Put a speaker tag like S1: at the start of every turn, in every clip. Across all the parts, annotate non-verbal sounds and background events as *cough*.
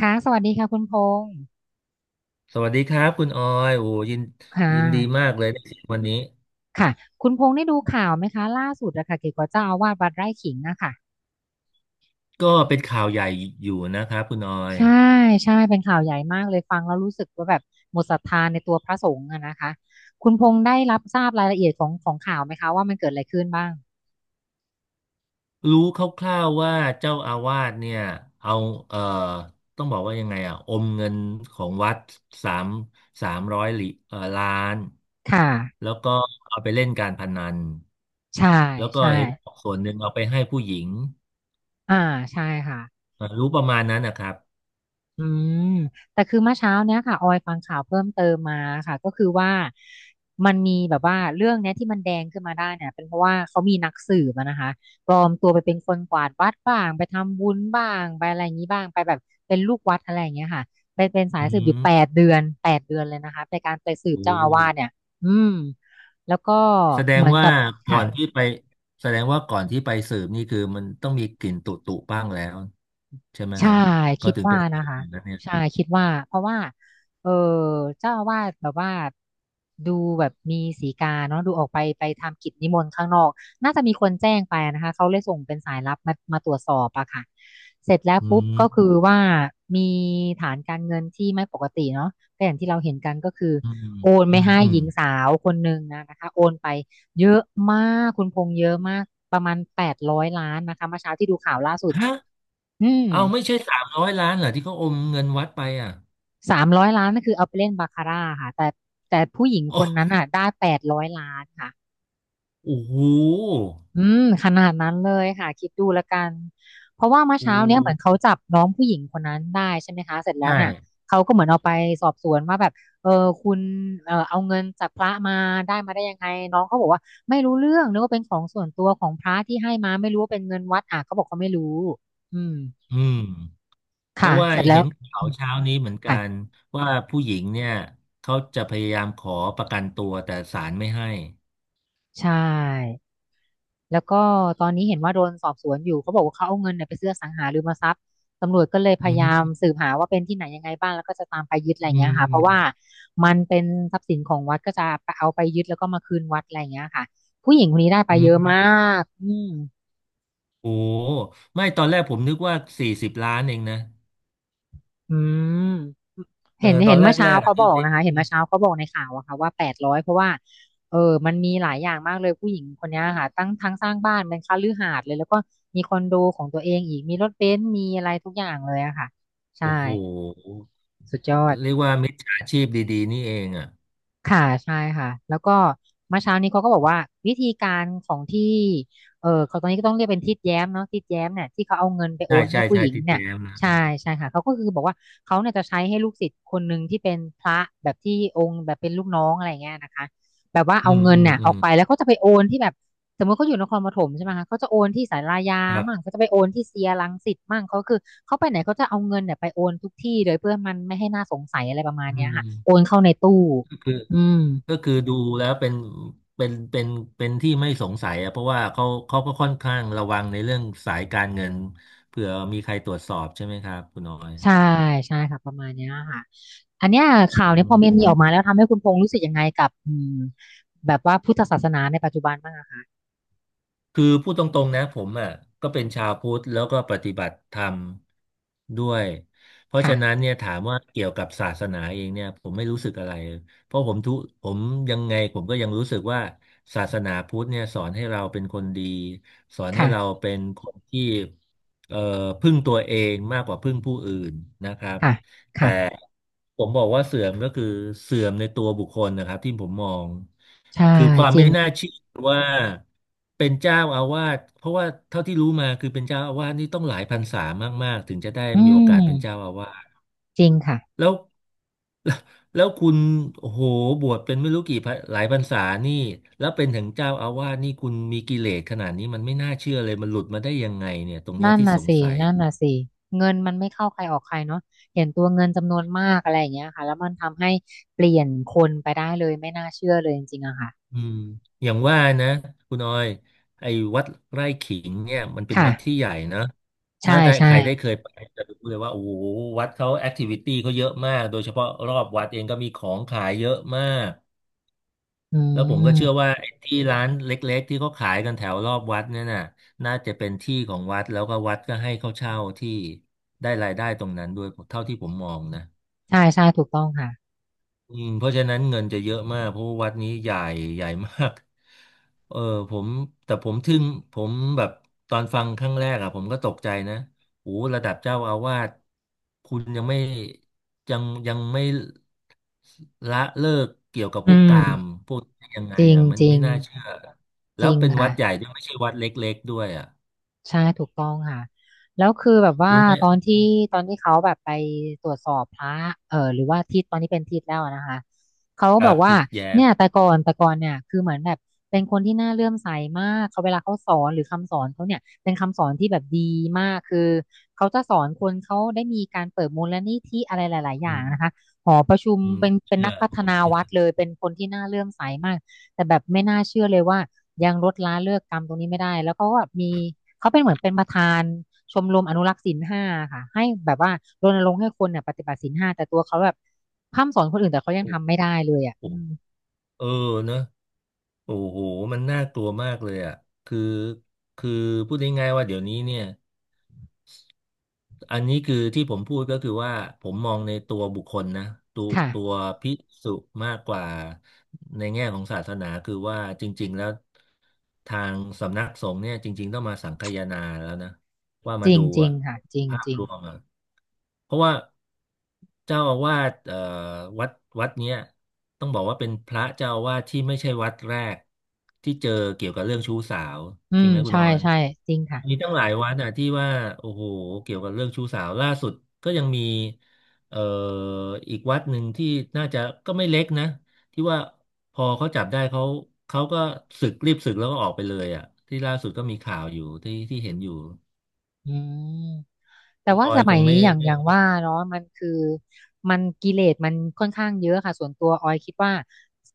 S1: ค่ะสวัสดีค่ะคุณพงษ์
S2: สวัสดีครับคุณออยโอ้ยิน
S1: ค่ะ
S2: ยินดีมากเลยได้เจอวันนี้
S1: ค่ะคุณพงษ์ได้ดูข่าวไหมคะล่าสุดอะค่ะเกี่ยวกับเจ้าอาวาสวัดไร่ขิงอะค่ะ
S2: ก็เป็นข่าวใหญ่อยู่นะครับคุณออย
S1: ใช่เป็นข่าวใหญ่มากเลยฟังแล้วรู้สึกว่าแบบหมดศรัทธาในตัวพระสงฆ์อะนะคะคุณพงษ์ได้รับทราบรายละเอียดของข่าวไหมคะว่ามันเกิดอะไรขึ้นบ้าง
S2: รู้คร่าวๆว่าเจ้าอาวาสเนี่ยเอาเอ่อต้องบอกว่ายังไงอ่ะ อมเงินของวัดสามสามร้อยล้าน
S1: ค่ะ
S2: แล้วก็เอาไปเล่นการพนัน
S1: ใช่
S2: แล้วก็
S1: ใช่
S2: เห็นส่วนหนึ่งเอาไปให้ผู้หญิง
S1: อ่าใช่ค่ะ
S2: รู้ประมาณนั้นนะครับ
S1: อืมแต่คือเมื่อเช้าเนี้ยค่ะออยฟังข่าวเพิ่มเติมมาค่ะก็คือว่ามันมีแบบว่าเรื่องเนี้ยที่มันแดงขึ้นมาได้เนี่ยเป็นเพราะว่าเขามีนักสืบอะนะคะปลอมตัวไปเป็นคนกวาดวัดบ้างไปทำบุญบ้างไปอะไรอย่างนี้บ้างไปแบบเป็นลูกวัดอะไรอย่างเงี้ยค่ะไปเป็นสาย
S2: อื
S1: สืบอยู่แปด
S2: ม
S1: เดือนแปดเดือนเลยนะคะในการไปสืบ
S2: โอ้
S1: เจ้าอาวาสเนี่ยอืมแล้วก็
S2: แสด
S1: เห
S2: ง
S1: มือน
S2: ว่า
S1: กับ
S2: ก่อ
S1: ค่ะ
S2: นที่ไปแสดงว่าก่อนที่ไปสืบนี่คือมันต้องมีกลิ่นตุตุบ้างแล้วใช่ไหมค
S1: ใช่
S2: รับเขา
S1: คิด
S2: ถึงไป
S1: ว่า
S2: สื
S1: นะ
S2: บ
S1: คะ
S2: อย่างนั้นเนี่ย
S1: ใช่คิดว่าเพราะว่าเออเจ้าอาวาสแบบว่าดูแบบมีสีกาเนาะดูออกไปไปทำกิจนิมนต์ข้างนอกน่าจะมีคนแจ้งไปนะคะเขาเลยส่งเป็นสายลับมาตรวจสอบอะค่ะเสร็จแล้ว
S2: อื
S1: ปุ๊บก็คือ
S2: ม
S1: ว่ามีฐานการเงินที่ไม่ปกติเนาะก็อย่างที่เราเห็นกันก็คือ
S2: อืมอ
S1: โอน
S2: ื
S1: ไม่
S2: ม
S1: ให้
S2: อื
S1: ห
S2: ม
S1: ญิงสาวคนหนึ่งนะคะโอนไปเยอะมากคุณพงษ์เยอะมากประมาณแปดร้อยล้านนะคะเมื่อเช้าที่ดูข่าวล่าสุด
S2: ฮะ
S1: อืม
S2: เอาไม่ใช่300 ล้านเหรอที่เขาอมเงินวัดไปอ่ะ
S1: 300 ล้านนั่นคือเอาไปเล่นบาคาร่าค่ะแต่ผู้หญิงค
S2: โอ้
S1: นนั้นอ่ะได้แปดร้อยล้านค่ะ
S2: โอ้โห
S1: อืมขนาดนั้นเลยค่ะคิดดูแล้วกันเพราะว่าเมื่อ
S2: โอ
S1: เช้าเนี้ยเหมือนเขา
S2: ้
S1: จับน้องผู้หญิงคนนั้นได้ใช่ไหมคะเสร็จแล้
S2: ใช่
S1: วเนี่ยเขาก็เหมือนเอาไปสอบสวนว่าแบบเออคุณเออเอาเงินจากพระมาได้มาได้ยังไงน้องเขาบอกว่าไม่รู้เรื่องนึกว่าเป็นของส่วนตัวของพระที่ให้มาไม่รู้ว่าเป็นเงินวัดอ่ะเขาบอกเขาไม่รู้อืม
S2: อืมเพ
S1: ค่ะ
S2: ราะว่า
S1: เสร็จแล้
S2: เห็
S1: ว
S2: นข่า
S1: อื
S2: ว
S1: ม
S2: เช้านี้เหมือนกั
S1: ค่ะ
S2: นว่า
S1: ค่ะ
S2: ผู้หญิงเนี่ยเขาจะพยายามขอประกันตัวแต่ศาลไม่ให้
S1: ใช่ แล้วก็ตอนนี้เห็นว่าโดนสอบสวนอยู่เขาบอกว่าเขาเอาเงินเนี่ยไปซื้ออสังหาริมทรัพย์ตำรวจก็เลยพ
S2: อื
S1: ยายาม
S2: ม
S1: สืบหาว่าเป็นที่ไหนยังไงบ้างแล้วก็จะตามไปยึดอะไรอย่า
S2: อื
S1: งเงี้ยค่ะเพราะว่า
S2: ม
S1: มันเป็นทรัพย์สินของวัดก็จะเอาไปยึดแล้วก็มาคืนวัดอะไรอย่างเงี้ยค่ะผู้หญิงคนนี้ได้ไป
S2: อื
S1: เยอะ
S2: ม
S1: มากอืม
S2: โอ้ไม่ตอนแรกผมนึกว่า40 ล้านเองนะ
S1: อืม
S2: เออ
S1: เห็น
S2: ตอ
S1: เห็น
S2: นแร
S1: เมื่
S2: ก
S1: อ
S2: แร
S1: เช้า
S2: ก
S1: เขาบ
S2: ที่
S1: อก
S2: ได้
S1: นะคะเห็นเมื่อเช้าเขาบอกในข่าวอะค่ะว่าแปดร้อยเพราะว่าเออมันมีหลายอย่างมากเลยผู้หญิงคนเนี้ยค่ะตั้งทั้งสร้างบ้านเป็นคฤหาสน์เลยแล้วก็มีคอนโดของตัวเองอีกมีรถเบนซ์มีอะไรทุกอย่างเลยอะค่ะใช่
S2: โอ้โห
S1: สุดยอด
S2: เรียกว่ามิจฉาชีพดีๆนี่เองอ่ะ
S1: ค่ะใช่ค่ะแล้วก็เมื่อเช้านี้เขาก็บอกว่าวิธีการของที่เขาตอนนี้ก็ต้องเรียกเป็นทิดแย้มเนาะทิดแย้มเนี่ยที่เขาเอาเงินไปโอ
S2: ใช่
S1: นให้
S2: ใช่
S1: ผู้
S2: ใช่
S1: หญิง
S2: ที่แจ
S1: เนี่ย
S2: มนะ
S1: ใช่ใช่ค่ะเขาก็คือบอกว่าเขาเนี่ยจะใช้ให้ลูกศิษย์คนหนึ่งที่เป็นพระแบบที่องค์แบบเป็นลูกน้องอะไรเงี้ยนะคะแบบว่า
S2: อื
S1: เอา
S2: ม
S1: เงิน
S2: อืม
S1: เนี่ย
S2: อื
S1: ออ
S2: ม
S1: กไปแล้วเขาจะไปโอนที่แบบสมมติเขาอยู่นครปฐมใช่ไหมคะเขาจะโอนที่ศาลายา
S2: ครั
S1: มั่ง
S2: บ
S1: เขาจะไปโอนที่เซียรังสิตมั่งเขาคือเขาไปไหนเขาจะเอาเงินเนี่ยไปโอนทุกที่เลยเพื่อมันไม่ให้น่าสงสัยอะไรประมาณ
S2: อื
S1: เนี้ยค่ะโอน
S2: ม
S1: เข้าในตู้
S2: ก็คือ
S1: อืม
S2: ก็คือดูแล้วเป็นเป็นเป็นที่ไม่สงสัยอ่ะเพราะว่าเขาก็ค่อนข้างระวังในเรื่องสายการเงินเผื่อมีใครตรวจสอบใช่ไหมครับคุณน้อย
S1: ใช่ใช่ค่ะประมาณเนี้ยค่ะอันเนี้ยข่าว
S2: อื
S1: เนี้ยพ
S2: ม
S1: อมันมีออกมาแล้วทำให้คุณพงษ์รู้สึกยังไงกับอืมแบบว่าพุทธศาสนาในปัจจุบันบ้างอะค่ะ
S2: คือพูดตรงๆนะผมอ่ะก็เป็นชาวพุทธแล้วก็ปฏิบัติธรรมด้วยเพราะฉะนั้
S1: ค่ะ
S2: นเนี่ยถามว่าเกี่ยวกับศาสนาเองเนี่ยผมไม่รู้สึกอะไรเพราะผมทุผมยังไงผมก็ยังรู้สึกว่าศาสนาพุทธเนี่ยสอนให้เราเป็นคนดีสอนให้เรา
S1: ค่ะ
S2: เป็นคนที่เอ่อพึ่งตัวเองมากกว่าพึ่งผู้อื่นนะครับ
S1: ค่ะ
S2: แต่
S1: ค่ะ
S2: ผมบอกว่าเสื่อมก็คือเสื่อมในตัวบุคคลนะครับที่ผมมอง
S1: ใช่
S2: คือความ
S1: จริ
S2: ไม่
S1: ง
S2: น่า
S1: ค่ะ
S2: เชื่อว่าเป็นเจ้าอาวาสเพราะว่าเท่าที่รู้มาคือเป็นเจ้าอาวาสนี่ต้องหลายพรรษามากๆถึงจะได้
S1: อื
S2: มีโอกา
S1: ม
S2: สเป็นเจ้าอาวาส
S1: จริงค่ะ
S2: แล้ว *laughs* แล้วแล้วคุณโอ้โหบวชเป็นไม่รู้กี่พรรหลายพรรษานี่แล้วเป็นถึงเจ้าอาวาสนี่คุณมีกิเลสขนาดนี้มันไม่น่าเชื่อเลยมันหลุดมาได้ยังไงเนี่ยตรงเนี้ย
S1: นั่น
S2: ที่
S1: น่ะ
S2: สง
S1: สิ
S2: สัย
S1: นั่นน่ะสิเงินมันไม่เข้าใครออกใครเนาะเห็นตัวเงินจำนวนมากอะไรอย่างเงี้ยค่ะแล้วมันทำให้เปลี่ยนคนไปได้เลยไม่น่าเชื่อเลยจริงๆอะค่ะ
S2: อืมอย่างว่านะคุณออยไอ้วัดไร่ขิงเนี่ยมันเป็นวัดที่
S1: ค่ะ
S2: ใหญ่นะถ้า
S1: ใช่
S2: ได้ใค
S1: ใช่
S2: รได้เคยไปจะรู้เลยว่าโอ้โหวัดเขาแอคทิวิตี้เขาเยอะมากโดยเฉพาะรอบวัดเองก็มีของขายเยอะมาก
S1: อื
S2: แล้วผมก็เชื่อ
S1: ม
S2: ว่าไอ้ที่ร้านเล็กๆที่เขาขายกันแถวรอบวัดเนี่ยน่ะน่าจะเป็นที่ของวัดแล้วก็วัดก็ให้เขาเช่าที่ได้รายได้ตรงนั้นด้วยเท่าที่ผมมองนะ
S1: ใช่ใช่ถูกต้องค่ะ
S2: อืมเพราะฉะนั้นเงินจะเยอะมากเพราะว่าวัดนี้ใหญ่ใหญ่มาก *laughs* เออผมแต่ผมทึ่งผมแบบตอนฟังครั้งแรกอะผมก็ตกใจนะโอ้ระดับเจ้าอาวาสคุณยังไม่ละเลิกเกี่ยวกับ
S1: อื
S2: พวก
S1: ม
S2: กามพวกนี้ยังไง
S1: จริง
S2: อะมัน
S1: จริ
S2: ไม่
S1: ง
S2: น่าเชื่อ
S1: จ
S2: แล้ว
S1: ริง
S2: เป็นวั
S1: ค่ะ
S2: ดใหญ่ด้วยไม่ใช่วัดเล็กๆด้วยอะ
S1: ใช่ถูกต้องค่ะแล้วคือแบบว่า
S2: รู้ไหม
S1: ตอนที่ตอนที่เขาแบบไปตรวจสอบพระหรือว่าทิศตอนนี้เป็นทิศแล้วอะนะคะเขาก็
S2: ค
S1: บ
S2: รั
S1: อก
S2: บ
S1: ว่า
S2: ทิดแย้ม
S1: เนี่ยแต่ก่อนเนี่ยคือเหมือนแบบเป็นคนที่น่าเลื่อมใสมากเขาเวลาเขาสอนหรือคำสอนเขาเนี่ยเป็นคำสอนที่แบบดีมากคือเขาจะสอนคนเขาได้มีการเปิดมูลนิธิอะไรหลายๆอ
S2: อื
S1: ย่าง
S2: ม
S1: นะคะหอประชุม
S2: อืม
S1: เป็
S2: ผ
S1: น
S2: ม
S1: เป็น
S2: เชื่
S1: นั
S2: อ
S1: กพัฒ
S2: ผม
S1: นา
S2: เชื่อ
S1: วัดเลยเป็นคนที่น่าเลื่อมใสมาก แต่แบบไม่น่าเชื่อเลยว่ายังลดละเลิกกรรมตรงนี้ไม่ได้แล้วเขาก็มีเขาเป็นเหมือนเป็นประธานชมรมอนุรักษ์ศีลห้าค่ะให้แบบว่ารณรงค์ให้คนเนี่ยปฏิบัติศีลห้าแต่ตัวเขาแบบพร่ำสอนคนอื่นแต่เขายัง
S2: โอ้
S1: ทำไม่ได้เลยอ่ะ
S2: โห
S1: อืม
S2: เออเนอะ โอ้โหมันน่ากลัวมากเลยอ่ะ คือคือพูดง่ายๆว่าเดี๋ยวนี้เนี่ย อันนี้คือที่ผมพูดก็คือว่าผมมองในตัวบุคคลนะตัวตัว
S1: ค่ะ
S2: ภิกษุมากกว่าในแง่ของศาสนาคือว่าจริงๆแล้วทางสำนักสงฆ์เนี่ยจริงๆต้องมาสังคายนาแล้วนะว่า
S1: จ
S2: มา
S1: ริง
S2: ดู
S1: จริง
S2: อ่ะ
S1: ค่ะจริง
S2: ภาพ
S1: จริง
S2: รวมอ่ะเพราะว่าเจ้าอาวาสวัดวัดเนี้ยต้องบอกว่าเป็นพระเจ้าอาวาสที่ไม่ใช่วัดแรกที่เจอเกี่ยวกับเรื่องชู้สาว
S1: อื
S2: จริง
S1: ม
S2: ไหมคุณ
S1: ใช่
S2: ออย
S1: ใช่จริงค่ะ
S2: มีตั้งหลายวัดอ่ะที่ว่าโอ้โหเกี่ยวกับเรื่องชู้สาวล่าสุดก็ยังมีเอ่ออีกวัดหนึ่งที่น่าจะก็ไม่เล็กนะที่ว่าพอเขาจับได้เขาเขาก็สึกรีบสึกแล้วก็ออกไปเลยอ่ะที่ล่าสุดก็มีข่าวอยู่ที่ที่เห็นอยู่
S1: อืม แต่
S2: คุณอ
S1: ว่า
S2: อ
S1: ส
S2: ยค
S1: มัย
S2: ง
S1: นี้
S2: ไม่
S1: อย่าง
S2: ไม่
S1: อย่างว่าเนาะมันคือมันกิเลสมันค่อนข้างเยอะค่ะส่วนตัวออยคิดว่า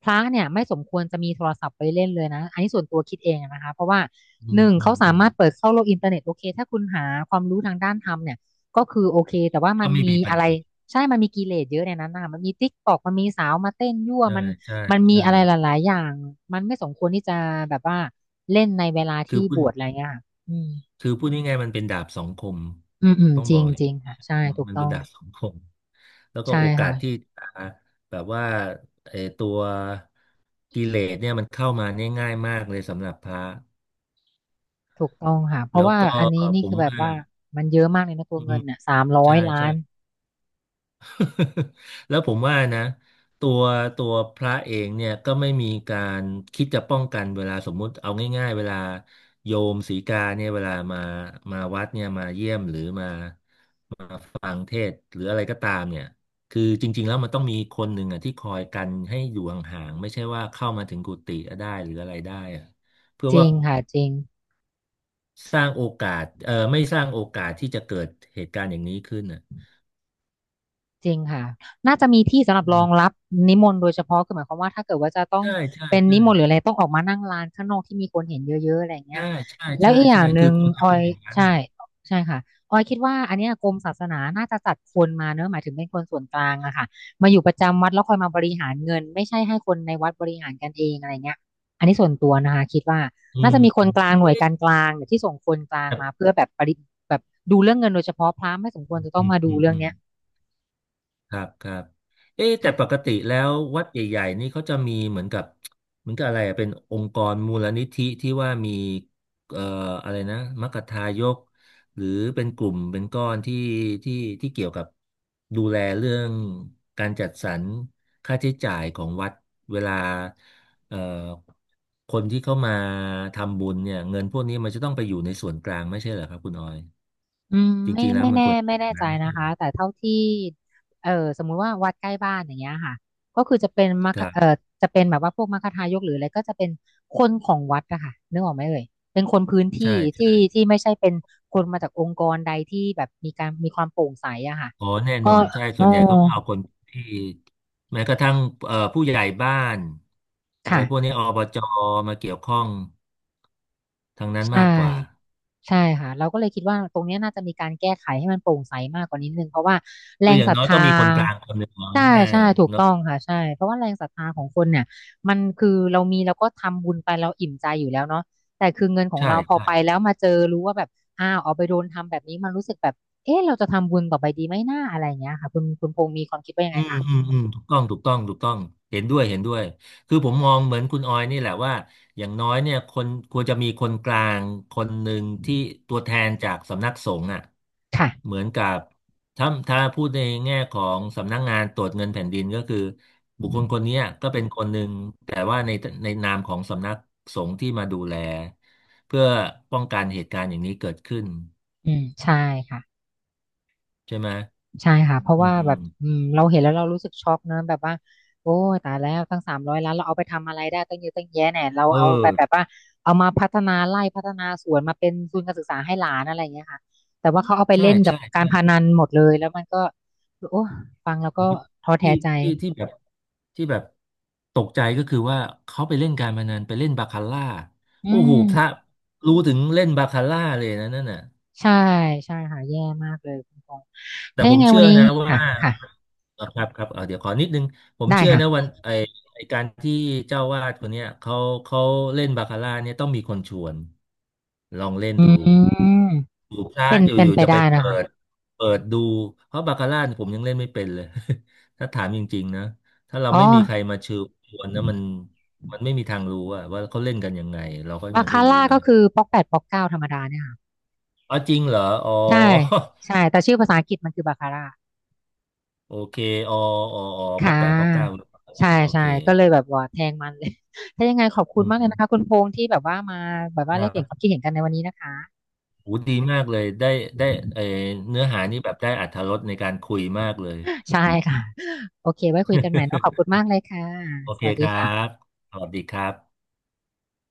S1: พระเนี่ยไม่สมควรจะมีโทรศัพท์ไปเล่นเลยนะอันนี้ส่วนตัวคิดเองอะนะคะเพราะว่า
S2: อื
S1: ห
S2: ม
S1: นึ่ง
S2: อื
S1: เขา
S2: ม
S1: สา
S2: อืม
S1: มารถเปิดเข้าโลกอินเทอร์เน็ตโอเคถ้าคุณหาความรู้ทางด้านธรรมเนี่ยก็คือโอเคแต่ว่ามั
S2: ก็
S1: น
S2: ไม่
S1: มี
S2: มีปัญ
S1: อะไร
S2: หา
S1: ใช่มันมีกิเลสเยอะในนั้นนะคะมันมีติ๊กตอกมันมีสาวมาเต้นยั่ว
S2: ใช่
S1: มัน
S2: ใช่
S1: มันมี
S2: ใช่
S1: อะไรหลายๆอย่างมันไม่สมควรที่จะแบบว่าเล่นในเวลา
S2: คื
S1: ที่
S2: อพู
S1: บ
S2: ด
S1: วชอะไรเงี้ยค่ะอืม
S2: คือพูดง่ายๆมันเป็นดาบสองคม
S1: อืม
S2: ต้อง
S1: จ
S2: บ
S1: ริ
S2: อ
S1: ง
S2: กเล
S1: จ
S2: ย
S1: ริงค่ะใช่ถูก
S2: มัน
S1: ต้
S2: เป็
S1: อ
S2: น
S1: ง
S2: ดาบสองคม แล้วก็
S1: ใช่
S2: โอกาสที่
S1: ค่ะ
S2: จะแบบว่าไอ้ตัวกิเลสเนี่ยมันเข้ามาเนี่ยง่ายมากเลยสำหรับพระ
S1: ถูกต้องค่ะเพราะ
S2: แล้ว
S1: ว่า
S2: ก็
S1: อันนี้นี่
S2: ผ
S1: คื
S2: ม
S1: อแบบ
S2: ว่า
S1: ว่ามันเยอะมากเลยนะตั
S2: อื
S1: ว
S2: ม
S1: เงินเนี่ยสามร้อ
S2: ใช่
S1: ยล้า
S2: ใช่
S1: น
S2: *laughs* แล้วผมว่านะตัวตัวพระเองเนี่ยก็ไม่มีการคิดจะป้องกันเวลาสมมุติเอาง่ายๆเวลาโยมสีกาเนี่ยเวลามาวัดเนี่ยมาเยี่ยมหรือมา มาฟังเทศน์หรืออะไรก็ตามเนี่ยคือจริงๆแล้วมันต้องมีคนหนึ่งอ่ะที่คอยกันให้อยู่ห่างๆไม่ใช่ว่าเข้ามาถึงกุฏิได้หรืออะไรได้อะเพื่อ
S1: จริ
S2: ว่า
S1: งค่ะจริง
S2: สร้างโอกาสไม่สร้างโอกาสที่จะเกิดเหตุการณ์อย่างนี้ขึ้นอ่ะ
S1: จริงค่ะน่าจะมีที่สำหรับ
S2: อื
S1: รอง
S2: ม
S1: รับนิมนต์โดยเฉพาะคือหมายความว่าถ้าเกิดว่าจะต้อง
S2: ใช่ใช่
S1: เป็น
S2: ใช่
S1: นิมนต์หรืออะไรต้องออกมานั่งลานข้างนอกที่มีคนเห็นเยอะๆอะไรอย่างเงี้
S2: ใช่
S1: ย
S2: ใช่
S1: แล้ว
S2: ใช่
S1: อีกอ
S2: ใช่
S1: ย่างห
S2: คือ
S1: นึ่ง
S2: ควรจะ
S1: ออ
S2: เป็น
S1: ย
S2: อย่างนั้น
S1: ใช่
S2: อ่ะ
S1: ใช่ค่ะออยคิดว่าอันเนี้ยกรมศาสนาน่าจะจัดคนมาเนอะหมายถึงเป็นคนส่วนกลางอะค่ะมาอยู่ประจำวัดแล้วคอยมาบริหารเงินไม่ใช่ให้คนในวัดบริหารกันเองอะไรเงี้ยอันนี้ส่วนตัวนะคะคิดว่า
S2: อื
S1: น่า
S2: ม
S1: จะมีคนกลางหน่วยการ
S2: เอ๊ะ
S1: กลางเนี่ยที่ส่งคนกลาง
S2: แต่
S1: มาเพื่อแบบแบบดูเรื่องเงินโดยเฉพาะพระไม่สมควรจะต้อ
S2: อื
S1: ง
S2: ม
S1: มาดู
S2: อืม
S1: เรื่อ
S2: อื
S1: ง
S2: ม
S1: เนี้ย
S2: ครับครับเอ๊ะแต่ป
S1: ค่ะ
S2: กติแล้ววัดใหญ่ๆนี่เขาจะมีเหมือนกับเหมือนกับอะไรอะเป็นองค์กรมูลนิธิที่ว่ามีเอ่ออะไรนะมัคคทายกหรือเป็นกลุ่มเป็นก้อนที่ที่เกี่ยวกับดูแลเรื่องการจัดสรรค่าใช้จ่ายของวัดเวลาเอ่อคนที่เข้ามาทำบุญเนี่ยเงินพวกนี้มันจะต้องไปอยู่ในส่วนกลางไม่ใช่เหรอครับคุณออย
S1: อืม
S2: จ
S1: ไม่
S2: ริงๆแล้ว
S1: ไม่
S2: มัน
S1: แน่
S2: ควรจะ
S1: ไม่
S2: เป็นอ
S1: แน่
S2: ย่าง
S1: ใจ
S2: นั้นไม่ใช่
S1: นะ
S2: เหร
S1: คะ
S2: อ
S1: แต่เท่าที่เออสมมุติว่าวัดใกล้บ้านอย่างเงี้ยค่ะก็คือจะเป็นมั
S2: ค
S1: ค
S2: รั
S1: เออ
S2: บ
S1: จะเป็นแบบว่าพวกมัคทายกหรืออะไรก็จะเป็นคนของวัดอะค่ะนึกออกไหมเอ่ยเป็นคนพื้นที่
S2: ใช่
S1: ที่ที่ไม่ใช่เป็นคนมาจากองค์กรใดที่แบบมีการมีความโปร่งใสอะค่ะ
S2: อ๋อแน่
S1: ก็
S2: นอนใช่
S1: อ๋
S2: ส่
S1: อ
S2: วนใหญ่เขาก็เอาคนที่แม้กระทั่งผู้ใหญ่บ้านอะไรพวกนี้
S1: ค่ะ
S2: อบจมาเกี่ยวข้องทางนั้น
S1: ใช่
S2: มากกว่า
S1: ใช่ค่ะเราก็เลยคิดว่าตรงเนี้ยน่าจะมีการแก้ไขให้มันโปร่งใสมากกว่านี้นิดนึงเพราะว่าแร
S2: คือ
S1: ง
S2: อย่า
S1: ศ
S2: ง
S1: รัท
S2: น้อยต้อง
S1: ธา
S2: มีคนกลางคนหนึ่งเอา
S1: ใช่
S2: ง่าย
S1: ใช่ถู
S2: ๆ
S1: ก
S2: เนาะ
S1: ต้องค่ะใช่เพราะว่าแรงศรัทธาของคนเนี่ยมันคือเรามีเราก็ทำบุญไปเราอิ่มใจอยู่แล้วเนาะแต่คือเงินของ
S2: ใช่
S1: เราพอ
S2: ใช่
S1: ไปแล้วมาเจอรู้ว่าแบบอ้าวเอาไปโดนทำแบบนี้มันรู้สึกแบบเอ๊ะเราจะทำบุญต่อไปดีไหมหน้าอะไรอย่างเงี้ยค่ะคุณพงษ์มีความคิดว่ายัง
S2: อื
S1: ไง
S2: ม
S1: คะ
S2: อืมอืมถูกต้องถูกต้องถูกต้องเห็นด้วยเห็นด้วยคือผมมองเหมือนคุณออยนี่แหละว่าอย่างน้อยเนี่ยคนควรจะมีคนกลางคนหนึ่งที่ตัวแทนจากสำนักสงฆ์อ่ะเห
S1: ค่ะ
S2: มือนกับถ้าพูดในแง่ของสำนักงานตรวจเงินแผ่นดินก็คือบุคคลคนเนี้ยก็เป็นคนหนึ่งแต่ว่าในในนามของสำนักสงฆ์ที่มาดูแลเพื่อป้องกันเหตุการณ์อย่างนี้เกิดขึ้น
S1: อืมใช่ค่ะ
S2: ใช่ไหม
S1: ใช่ค่ะเพราะ
S2: อื
S1: ว่าแบบอื
S2: ม
S1: มเราเห็นแล้วเรารู้สึกช็อกนะแบบว่าโอ้ยตายแล้วตั้งสามร้อยล้านเราเอาไปทำอะไรได้ตั้งเยอะตั้งแยะเนี่ยเรา
S2: เอ
S1: เอา
S2: อ
S1: ไปแบบว่าเอามาพัฒนาไร่พัฒนาสวนมาเป็นทุนการศึกษาให้หลานอะไรอย่างเงี้ยค่ะแต่ว่าเขาเอาไป
S2: ใช่
S1: เล่นกับ
S2: ใช่
S1: การ
S2: ใช่
S1: พนันหมดเลยแล้วมันก็โอ้ฟังแล้วก็ท้อ
S2: ที่
S1: แท้ใจ
S2: ที่แบบแบบตกใจก็คือว่าเขาไปเล่นการพนันไปเล่นบาคาร่า
S1: อื
S2: โอ้โห
S1: ม
S2: พระรู้ถึงเล่นบาคาร่าเลยนะนั่นน่ะ
S1: ใช่ใช่ค่ะแย่มากเลยคุณพงษ์
S2: แต่
S1: ถ้า
S2: ผ
S1: ยัง
S2: ม
S1: ไง
S2: เชื่
S1: วัน
S2: อ
S1: นี้
S2: นะว่า
S1: ค่ะค่ะ
S2: ครับครับเดี๋ยวขอนิดนึงผม
S1: ได้
S2: เชื่อ
S1: ค่ะ
S2: นะวันไอไอการที่เจ้าวาดคนเนี้ยเขาเล่นบาคาร่าเนี่ยต้องมีคนชวนลองเล่น
S1: อื
S2: ดู
S1: ม
S2: อยู่พลา
S1: เป็
S2: ด
S1: น
S2: อยู่
S1: เป็
S2: อ
S1: น
S2: ยู่
S1: ไป
S2: จะไป
S1: ได้นะ
S2: เปิ
S1: คะ
S2: ดเปิดดูเพราะบาคาร่าเนี่ยผมยังเล่นไม่เป็นเลย *laughs* ถ้าถามจริงๆนะถ้าเรา
S1: อ๋อ
S2: ไม่มีใครมาเชิญชวนนะมันมันไม่มีทางรู้อะว่าเขาเล่นกันยังไงเราก็
S1: บา
S2: ยัง
S1: คา
S2: ไม่รู้
S1: ร่า
S2: เล
S1: ก็
S2: ย
S1: คือป๊อก 8 ป๊อก 9ธรรมดาเนี่ยค่ะ
S2: อ๋อจริงเหรออ๋อ
S1: ใช่ใช่แต่ชื่อภาษาอังกฤษมันคือบาคาร่า
S2: *laughs* โอเคอ๋ออ๋ออ๋อป๊
S1: ค่
S2: อกแปดป๊อกเก้า
S1: ะ
S2: บาคา
S1: ใช่
S2: ร่าโอ
S1: ใช่
S2: เค
S1: ก็เลยแบบว่าแทงมันเลย *laughs* ถ้ายังไงขอบคุ
S2: อื
S1: ณมากเลย
S2: ม
S1: นะคะคุณพงษ์ที่แบบว่ามาแบบว่า
S2: ค
S1: แล
S2: รั
S1: กเปลี่ยนความ
S2: บ
S1: คิดเห็นกันในวันนี้นะคะ
S2: โหดีมากเลยได้ได้เออเนื้อหานี่แบบได้อรรถรสในการคุยมากเลย
S1: ใช่ค่ะโอเคไว้คุยกันใหม่เนาะขอบคุณมากเลยค่ะ
S2: *laughs* โอ
S1: ส
S2: เค
S1: วัส
S2: ค
S1: ดี
S2: รั
S1: ค่ะ
S2: บสวัสดีครับ